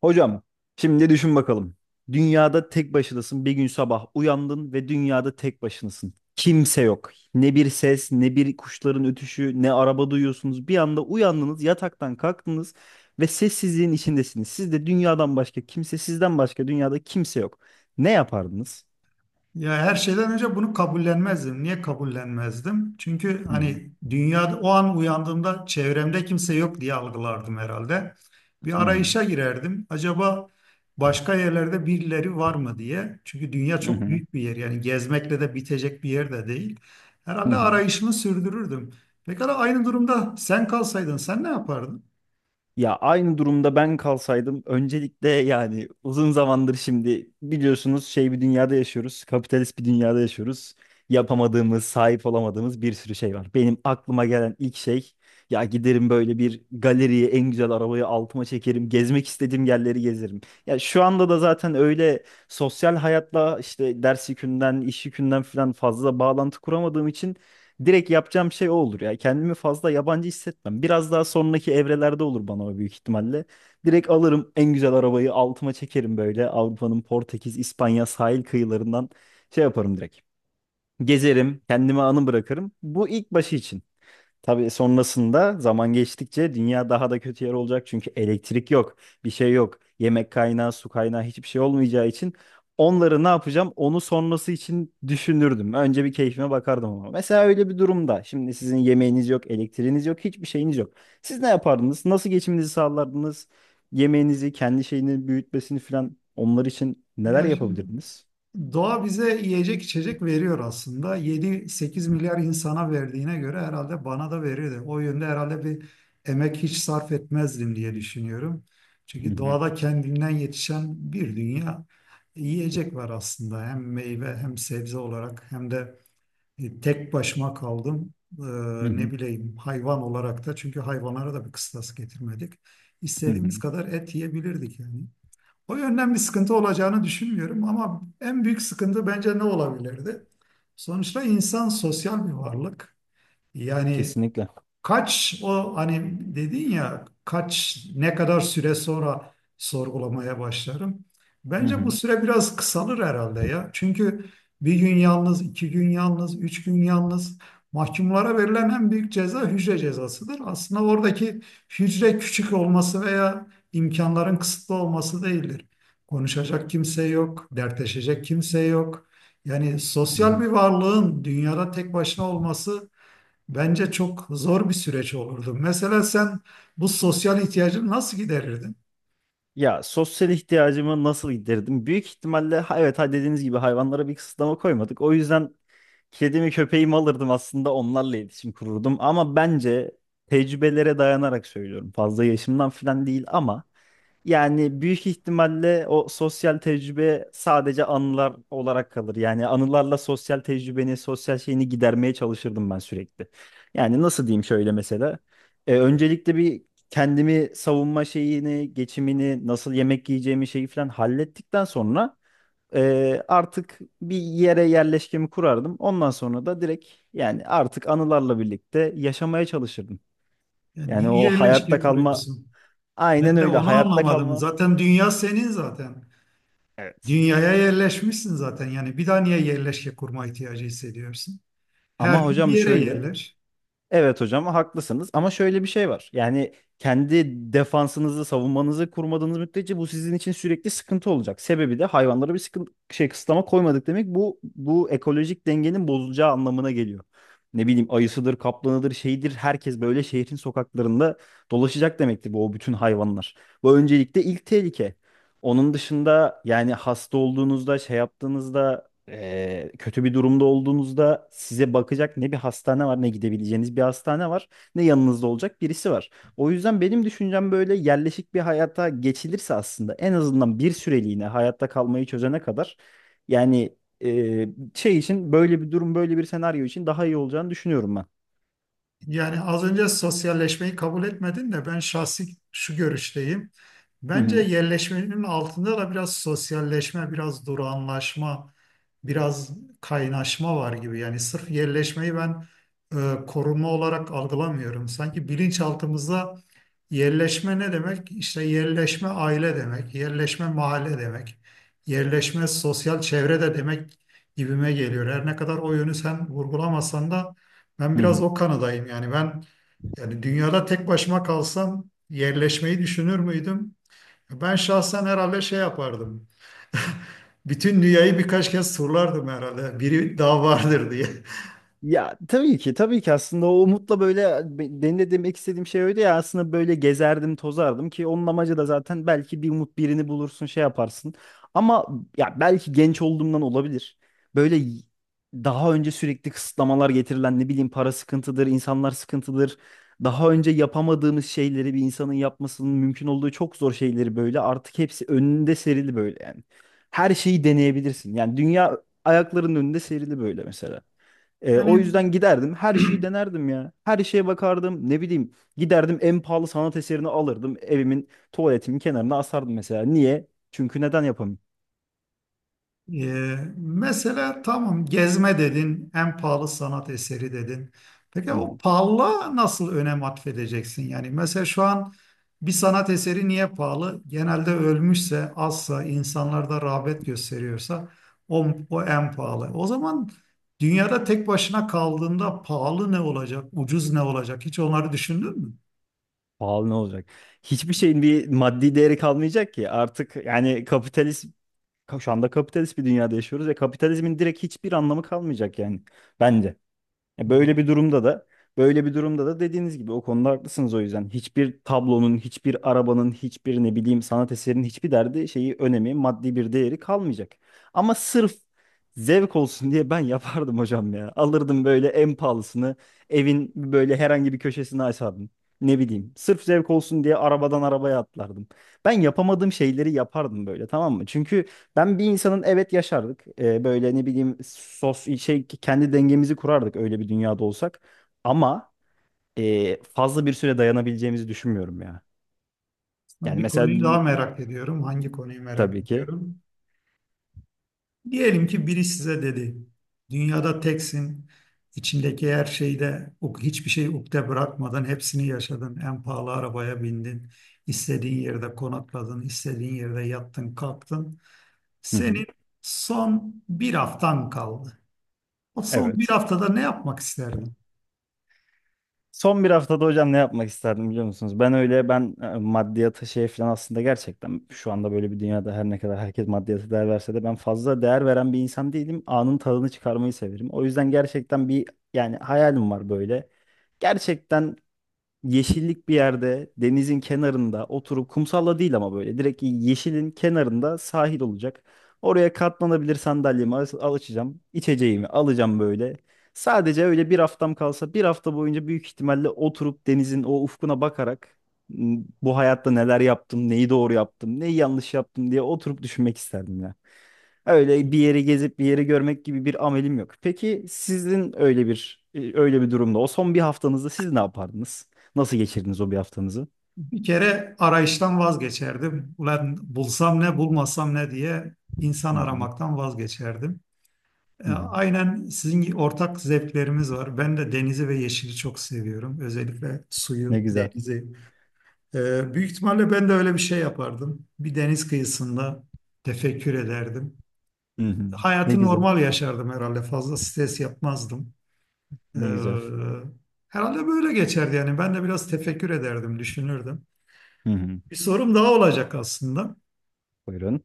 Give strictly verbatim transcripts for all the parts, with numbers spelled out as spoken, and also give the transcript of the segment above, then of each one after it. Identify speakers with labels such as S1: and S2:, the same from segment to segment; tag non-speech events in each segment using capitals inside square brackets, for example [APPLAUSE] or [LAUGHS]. S1: Hocam, şimdi düşün bakalım. Dünyada tek başınasın. Bir gün sabah uyandın ve dünyada tek başınasın. Kimse yok. Ne bir ses, ne bir kuşların ötüşü, ne araba duyuyorsunuz. Bir anda uyandınız, yataktan kalktınız ve sessizliğin içindesiniz. Siz de dünyadan başka kimse, sizden başka dünyada kimse yok. Ne yapardınız?
S2: Ya her şeyden önce bunu kabullenmezdim. Niye kabullenmezdim? Çünkü
S1: Hı hı,
S2: hani dünyada o an uyandığımda çevremde kimse yok diye algılardım herhalde. Bir
S1: hı hı,
S2: arayışa girerdim. Acaba başka yerlerde birileri var mı diye. Çünkü dünya
S1: hı
S2: çok
S1: hı,
S2: büyük bir yer. Yani gezmekle de bitecek bir yer de değil.
S1: hı
S2: Herhalde
S1: hı.
S2: arayışımı sürdürürdüm. Pekala aynı durumda sen kalsaydın sen ne yapardın?
S1: Ya aynı durumda ben kalsaydım öncelikle, yani uzun zamandır şimdi biliyorsunuz şey bir dünyada yaşıyoruz. Kapitalist bir dünyada yaşıyoruz. Yapamadığımız, sahip olamadığımız bir sürü şey var. Benim aklıma gelen ilk şey, ya giderim böyle bir galeriye, en güzel arabayı altıma çekerim. Gezmek istediğim yerleri gezerim. Ya şu anda da zaten öyle sosyal hayatla, işte ders yükünden, iş yükünden falan fazla bağlantı kuramadığım için direkt yapacağım şey o olur ya. Kendimi fazla yabancı hissetmem. Biraz daha sonraki evrelerde olur bana o, büyük ihtimalle. Direkt alırım, en güzel arabayı altıma çekerim böyle. Avrupa'nın Portekiz, İspanya sahil kıyılarından şey yaparım direkt. Gezerim, kendime anı bırakırım. Bu ilk başı için. Tabii sonrasında zaman geçtikçe dünya daha da kötü yer olacak. Çünkü elektrik yok, bir şey yok. Yemek kaynağı, su kaynağı hiçbir şey olmayacağı için onları ne yapacağım, onu sonrası için düşünürdüm. Önce bir keyfime bakardım ama. Mesela öyle bir durumda şimdi sizin yemeğiniz yok, elektriğiniz yok, hiçbir şeyiniz yok. Siz ne yapardınız? Nasıl geçiminizi sağlardınız? Yemeğinizi, kendi şeyini büyütmesini falan, onlar için neler
S2: Ya şimdi
S1: yapabilirdiniz?
S2: doğa bize yiyecek içecek veriyor aslında. yedi sekiz milyar insana verdiğine göre herhalde bana da verirdi. O yönde herhalde bir emek hiç sarf etmezdim diye düşünüyorum.
S1: Hı
S2: Çünkü
S1: hı,
S2: doğada kendinden yetişen bir dünya yiyecek var aslında. Hem meyve hem sebze olarak hem de e, tek başıma kaldım. Ee,
S1: hı
S2: ne
S1: hı,
S2: bileyim hayvan olarak da, çünkü hayvanlara da bir kıstas getirmedik.
S1: hı hı,
S2: İstediğimiz kadar et yiyebilirdik yani. O yönden bir sıkıntı olacağını düşünmüyorum, ama en büyük sıkıntı bence ne olabilirdi? Sonuçta insan sosyal bir varlık. Yani
S1: kesinlikle.
S2: kaç, o hani dedin ya, kaç ne kadar süre sonra sorgulamaya başlarım.
S1: Hı
S2: Bence bu
S1: hı,
S2: süre biraz kısalır herhalde ya. Çünkü bir gün yalnız, iki gün yalnız, üç gün yalnız, mahkumlara verilen en büyük ceza hücre cezasıdır. Aslında oradaki hücre küçük olması veya imkanların kısıtlı olması değildir. Konuşacak kimse yok, dertleşecek kimse yok. Yani
S1: hı
S2: sosyal
S1: hı.
S2: bir varlığın dünyada tek başına olması, bence çok zor bir süreç olurdu. Mesela sen bu sosyal ihtiyacını nasıl giderirdin?
S1: Ya sosyal ihtiyacımı nasıl giderdim? Büyük ihtimalle ha- evet, ha, dediğiniz gibi hayvanlara bir kısıtlama koymadık. O yüzden kedimi köpeğimi alırdım, aslında onlarla iletişim kururdum, ama bence, tecrübelere dayanarak söylüyorum, fazla yaşımdan falan değil ama, yani büyük ihtimalle o sosyal tecrübe sadece anılar olarak kalır. Yani anılarla sosyal tecrübeni, sosyal şeyini gidermeye çalışırdım ben sürekli. Yani nasıl diyeyim şöyle mesela. E, öncelikle bir kendimi savunma şeyini, geçimini, nasıl yemek yiyeceğimi, şeyi falan hallettikten sonra ee, artık bir yere yerleşkemi kurardım. Ondan sonra da direkt, yani artık anılarla birlikte yaşamaya çalışırdım.
S2: Yani
S1: Yani
S2: niye
S1: o hayatta
S2: yerleşke
S1: kalma,
S2: kuruyorsun?
S1: aynen
S2: Ben de
S1: öyle,
S2: onu
S1: hayatta
S2: anlamadım.
S1: kalma.
S2: Zaten dünya senin zaten.
S1: Evet.
S2: Dünyaya yerleşmişsin zaten. Yani bir daha niye yerleşke kurma ihtiyacı hissediyorsun? Her
S1: Ama
S2: gün bir
S1: hocam
S2: yere
S1: şöyle,
S2: yerleş.
S1: evet hocam haklısınız, ama şöyle bir şey var. Yani kendi defansınızı, savunmanızı kurmadığınız müddetçe bu sizin için sürekli sıkıntı olacak. Sebebi de hayvanlara bir sıkıntı şey kısıtlama koymadık demek, bu bu ekolojik dengenin bozulacağı anlamına geliyor. Ne bileyim ayısıdır, kaplanıdır, şeydir, herkes böyle şehrin sokaklarında dolaşacak demektir bu, o bütün hayvanlar. Bu öncelikle ilk tehlike. Onun dışında, yani hasta olduğunuzda, şey yaptığınızda, e, kötü bir durumda olduğunuzda size bakacak ne bir hastane var, ne gidebileceğiniz bir hastane var, ne yanınızda olacak birisi var. O yüzden benim düşüncem, böyle yerleşik bir hayata geçilirse aslında, en azından bir süreliğine hayatta kalmayı çözene kadar, yani e, şey için, böyle bir durum, böyle bir senaryo için daha iyi olacağını düşünüyorum ben.
S2: Yani az önce sosyalleşmeyi kabul etmedin de, ben şahsi şu görüşteyim.
S1: Hı
S2: Bence
S1: hı.
S2: yerleşmenin altında da biraz sosyalleşme, biraz durağanlaşma, biraz kaynaşma var gibi. Yani sırf yerleşmeyi ben e, korunma olarak algılamıyorum. Sanki bilinçaltımızda yerleşme ne demek? İşte yerleşme aile demek, yerleşme mahalle demek, yerleşme sosyal çevre de demek gibime geliyor. Her ne kadar o yönü sen vurgulamasan da ben
S1: Hı
S2: biraz
S1: hı.
S2: o kanadayım. Yani ben, yani dünyada tek başıma kalsam yerleşmeyi düşünür müydüm? Ben şahsen herhalde şey yapardım. [LAUGHS] Bütün dünyayı birkaç kez turlardım herhalde. Biri daha vardır diye. [LAUGHS]
S1: Ya tabii ki, tabii ki, aslında o umutla böyle, be- benim de demek istediğim şey öyle ya, aslında böyle gezerdim tozardım ki, onun amacı da zaten belki bir umut birini bulursun, şey yaparsın, ama ya belki genç olduğumdan olabilir, böyle y- daha önce sürekli kısıtlamalar getirilen, ne bileyim para sıkıntıdır, insanlar sıkıntıdır, daha önce yapamadığımız şeyleri, bir insanın yapmasının mümkün olduğu çok zor şeyleri, böyle artık hepsi önünde serili böyle yani. Her şeyi deneyebilirsin, yani dünya ayaklarının önünde serili böyle mesela. E, o
S2: Yani
S1: yüzden giderdim, her şeyi denerdim ya. Her şeye bakardım, ne bileyim giderdim en pahalı sanat eserini alırdım, evimin tuvaletimin kenarına asardım mesela. Niye? Çünkü neden yapamayayım?
S2: Ee, mesela tamam, gezme dedin, en pahalı sanat eseri dedin. Peki
S1: Hı
S2: o
S1: hı.
S2: pahalılığa nasıl önem atfedeceksin? Yani mesela şu an bir sanat eseri niye pahalı? Genelde ölmüşse, azsa, insanlarda rağbet gösteriyorsa o, o en pahalı. O zaman dünyada tek başına kaldığında pahalı ne olacak, ucuz ne olacak? Hiç onları düşündün mü?
S1: Pahalı ne olacak? Hiçbir şeyin bir maddi değeri kalmayacak ki artık, yani kapitalist, şu anda kapitalist bir dünyada yaşıyoruz ve kapitalizmin direkt hiçbir anlamı kalmayacak, yani bence. E,
S2: O
S1: Böyle
S2: zaman
S1: bir durumda da, böyle bir durumda da dediğiniz gibi o konuda haklısınız, o yüzden. Hiçbir tablonun, hiçbir arabanın, hiçbir ne bileyim sanat eserinin hiçbir derdi şeyi, önemi, maddi bir değeri kalmayacak. Ama sırf zevk olsun diye ben [LAUGHS] yapardım hocam ya. Alırdım böyle en pahalısını, evin böyle herhangi bir köşesine asardım. Ne bileyim, sırf zevk olsun diye arabadan arabaya atlardım. Ben yapamadığım şeyleri yapardım böyle, tamam mı? Çünkü ben bir insanın evet yaşardık. Ee, böyle ne bileyim sos şey kendi dengemizi kurardık öyle bir dünyada olsak. Ama e, fazla bir süre dayanabileceğimizi düşünmüyorum ya.
S2: aslında
S1: Yani
S2: bir
S1: mesela
S2: konuyu daha merak ediyorum. Hangi konuyu merak
S1: tabii ki.
S2: ediyorum? Diyelim ki biri size dedi, dünyada teksin, içindeki her şeyde o- hiçbir şey ukde bırakmadan hepsini yaşadın. En pahalı arabaya bindin, istediğin yerde konakladın, istediğin yerde yattın, kalktın.
S1: Hı hı.
S2: Senin son bir haftan kaldı. O son bir
S1: Evet.
S2: haftada ne yapmak isterdin?
S1: Son bir haftada hocam ne yapmak isterdim biliyor musunuz? Ben öyle, ben e, maddiyata şey falan, aslında gerçekten şu anda böyle bir dünyada her ne kadar herkes maddiyata değer verse de, ben fazla değer veren bir insan değilim. Anın tadını çıkarmayı severim. O yüzden gerçekten bir, yani hayalim var böyle. Gerçekten yeşillik bir yerde, denizin kenarında oturup, kumsalla değil ama böyle direkt yeşilin kenarında sahil olacak. Oraya katlanabilir sandalyemi al al- açacağım. İçeceğimi alacağım böyle. Sadece öyle bir haftam kalsa, bir hafta boyunca büyük ihtimalle oturup denizin o ufkuna bakarak, "M, bu hayatta neler yaptım, neyi doğru yaptım, neyi yanlış yaptım" diye oturup düşünmek isterdim ya. Öyle bir yeri gezip bir yeri görmek gibi bir amelim yok. Peki sizin, öyle bir e, öyle bir durumda, o son bir haftanızda siz ne yapardınız? Nasıl geçirdiniz o bir haftanızı?
S2: Bir kere arayıştan vazgeçerdim. Ulan bulsam ne, bulmasam ne diye insan
S1: Hı hı,
S2: aramaktan vazgeçerdim. E,
S1: hı hı.
S2: Aynen sizin gibi ortak zevklerimiz var. Ben de denizi ve yeşili çok seviyorum. Özellikle
S1: Ne
S2: suyu,
S1: güzel.
S2: denizi. E, büyük ihtimalle ben de öyle bir şey yapardım. Bir deniz kıyısında tefekkür ederdim.
S1: Hı hı. Ne
S2: Hayatı
S1: güzel.
S2: normal yaşardım herhalde. Fazla stres yapmazdım. Ee,
S1: Ne güzel.
S2: herhalde böyle geçerdi yani. Ben de biraz tefekkür ederdim, düşünürdüm.
S1: Hı hı.
S2: Bir sorum daha olacak aslında.
S1: Buyurun.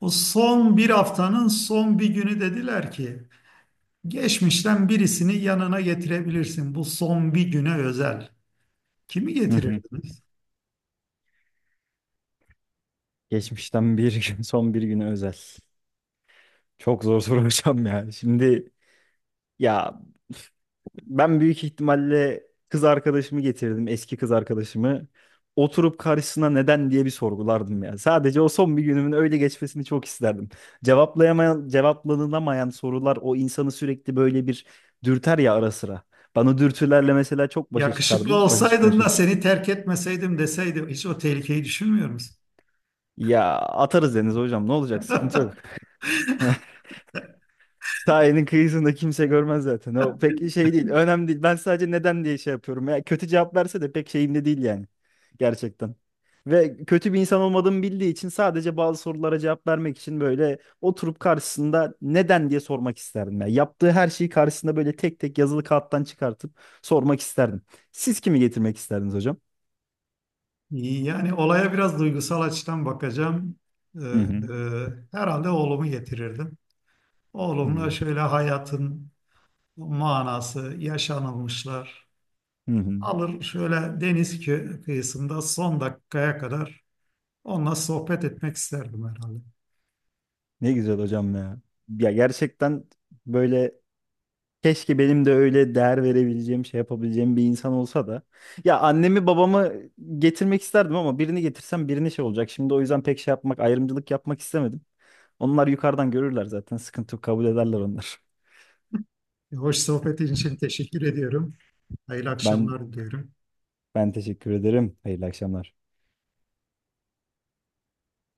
S2: O son bir haftanın son bir günü dediler ki, geçmişten birisini yanına getirebilirsin. Bu son bir güne özel. Kimi
S1: Hı hı.
S2: getirirdiniz?
S1: Geçmişten bir [LAUGHS] gün, son bir güne özel. Çok zor soru hocam ya. Şimdi, ya, ben büyük ihtimalle kız arkadaşımı getirdim, eski kız arkadaşımı. Oturup karşısına neden diye bir sorgulardım ya. Sadece o son bir günümün öyle geçmesini çok isterdim. Cevaplayamayan, cevaplanılamayan sorular o insanı sürekli böyle bir dürter ya ara sıra. Ben o dürtülerle mesela çok başa
S2: Yakışıklı
S1: çıkardım, başa çıkmaya
S2: olsaydın da
S1: çalışırım.
S2: seni terk etmeseydim deseydi, hiç o tehlikeyi düşünmüyor musun?
S1: Ya atarız deniz hocam, ne olacak, sıkıntı yok. [LAUGHS] Sahilin kıyısında kimse görmez zaten. O pek şey değil. Önemli değil. Ben sadece neden diye şey yapıyorum. Ya kötü cevap verse de pek şeyimde değil yani. Gerçekten. Ve kötü bir insan olmadığımı bildiği için sadece bazı sorulara cevap vermek için böyle oturup karşısında neden diye sormak isterdim. Ya yaptığı her şeyi karşısında böyle tek tek yazılı kağıttan çıkartıp sormak isterdim. Siz kimi getirmek isterdiniz hocam?
S2: Yani olaya biraz duygusal açıdan bakacağım. Ee,
S1: Hı hı.
S2: e, herhalde oğlumu getirirdim.
S1: Ne
S2: Oğlumla
S1: güzel.
S2: şöyle hayatın manası, yaşanılmışlar.
S1: Hı hı.
S2: Alır şöyle deniz kö- kıyısında son dakikaya kadar onunla sohbet etmek isterdim herhalde.
S1: Ne güzel hocam ya. Ya gerçekten böyle, keşke benim de öyle değer verebileceğim, şey yapabileceğim bir insan olsa da. Ya annemi babamı getirmek isterdim, ama birini getirsem birine şey olacak. Şimdi o yüzden pek şey yapmak, ayrımcılık yapmak istemedim. Onlar yukarıdan görürler zaten. Sıkıntı yok, kabul ederler onlar. [LAUGHS]
S2: E, Hoş sohbetin için teşekkür ediyorum. Hayırlı
S1: Ben
S2: akşamlar diliyorum.
S1: Ben teşekkür ederim. Hayırlı akşamlar.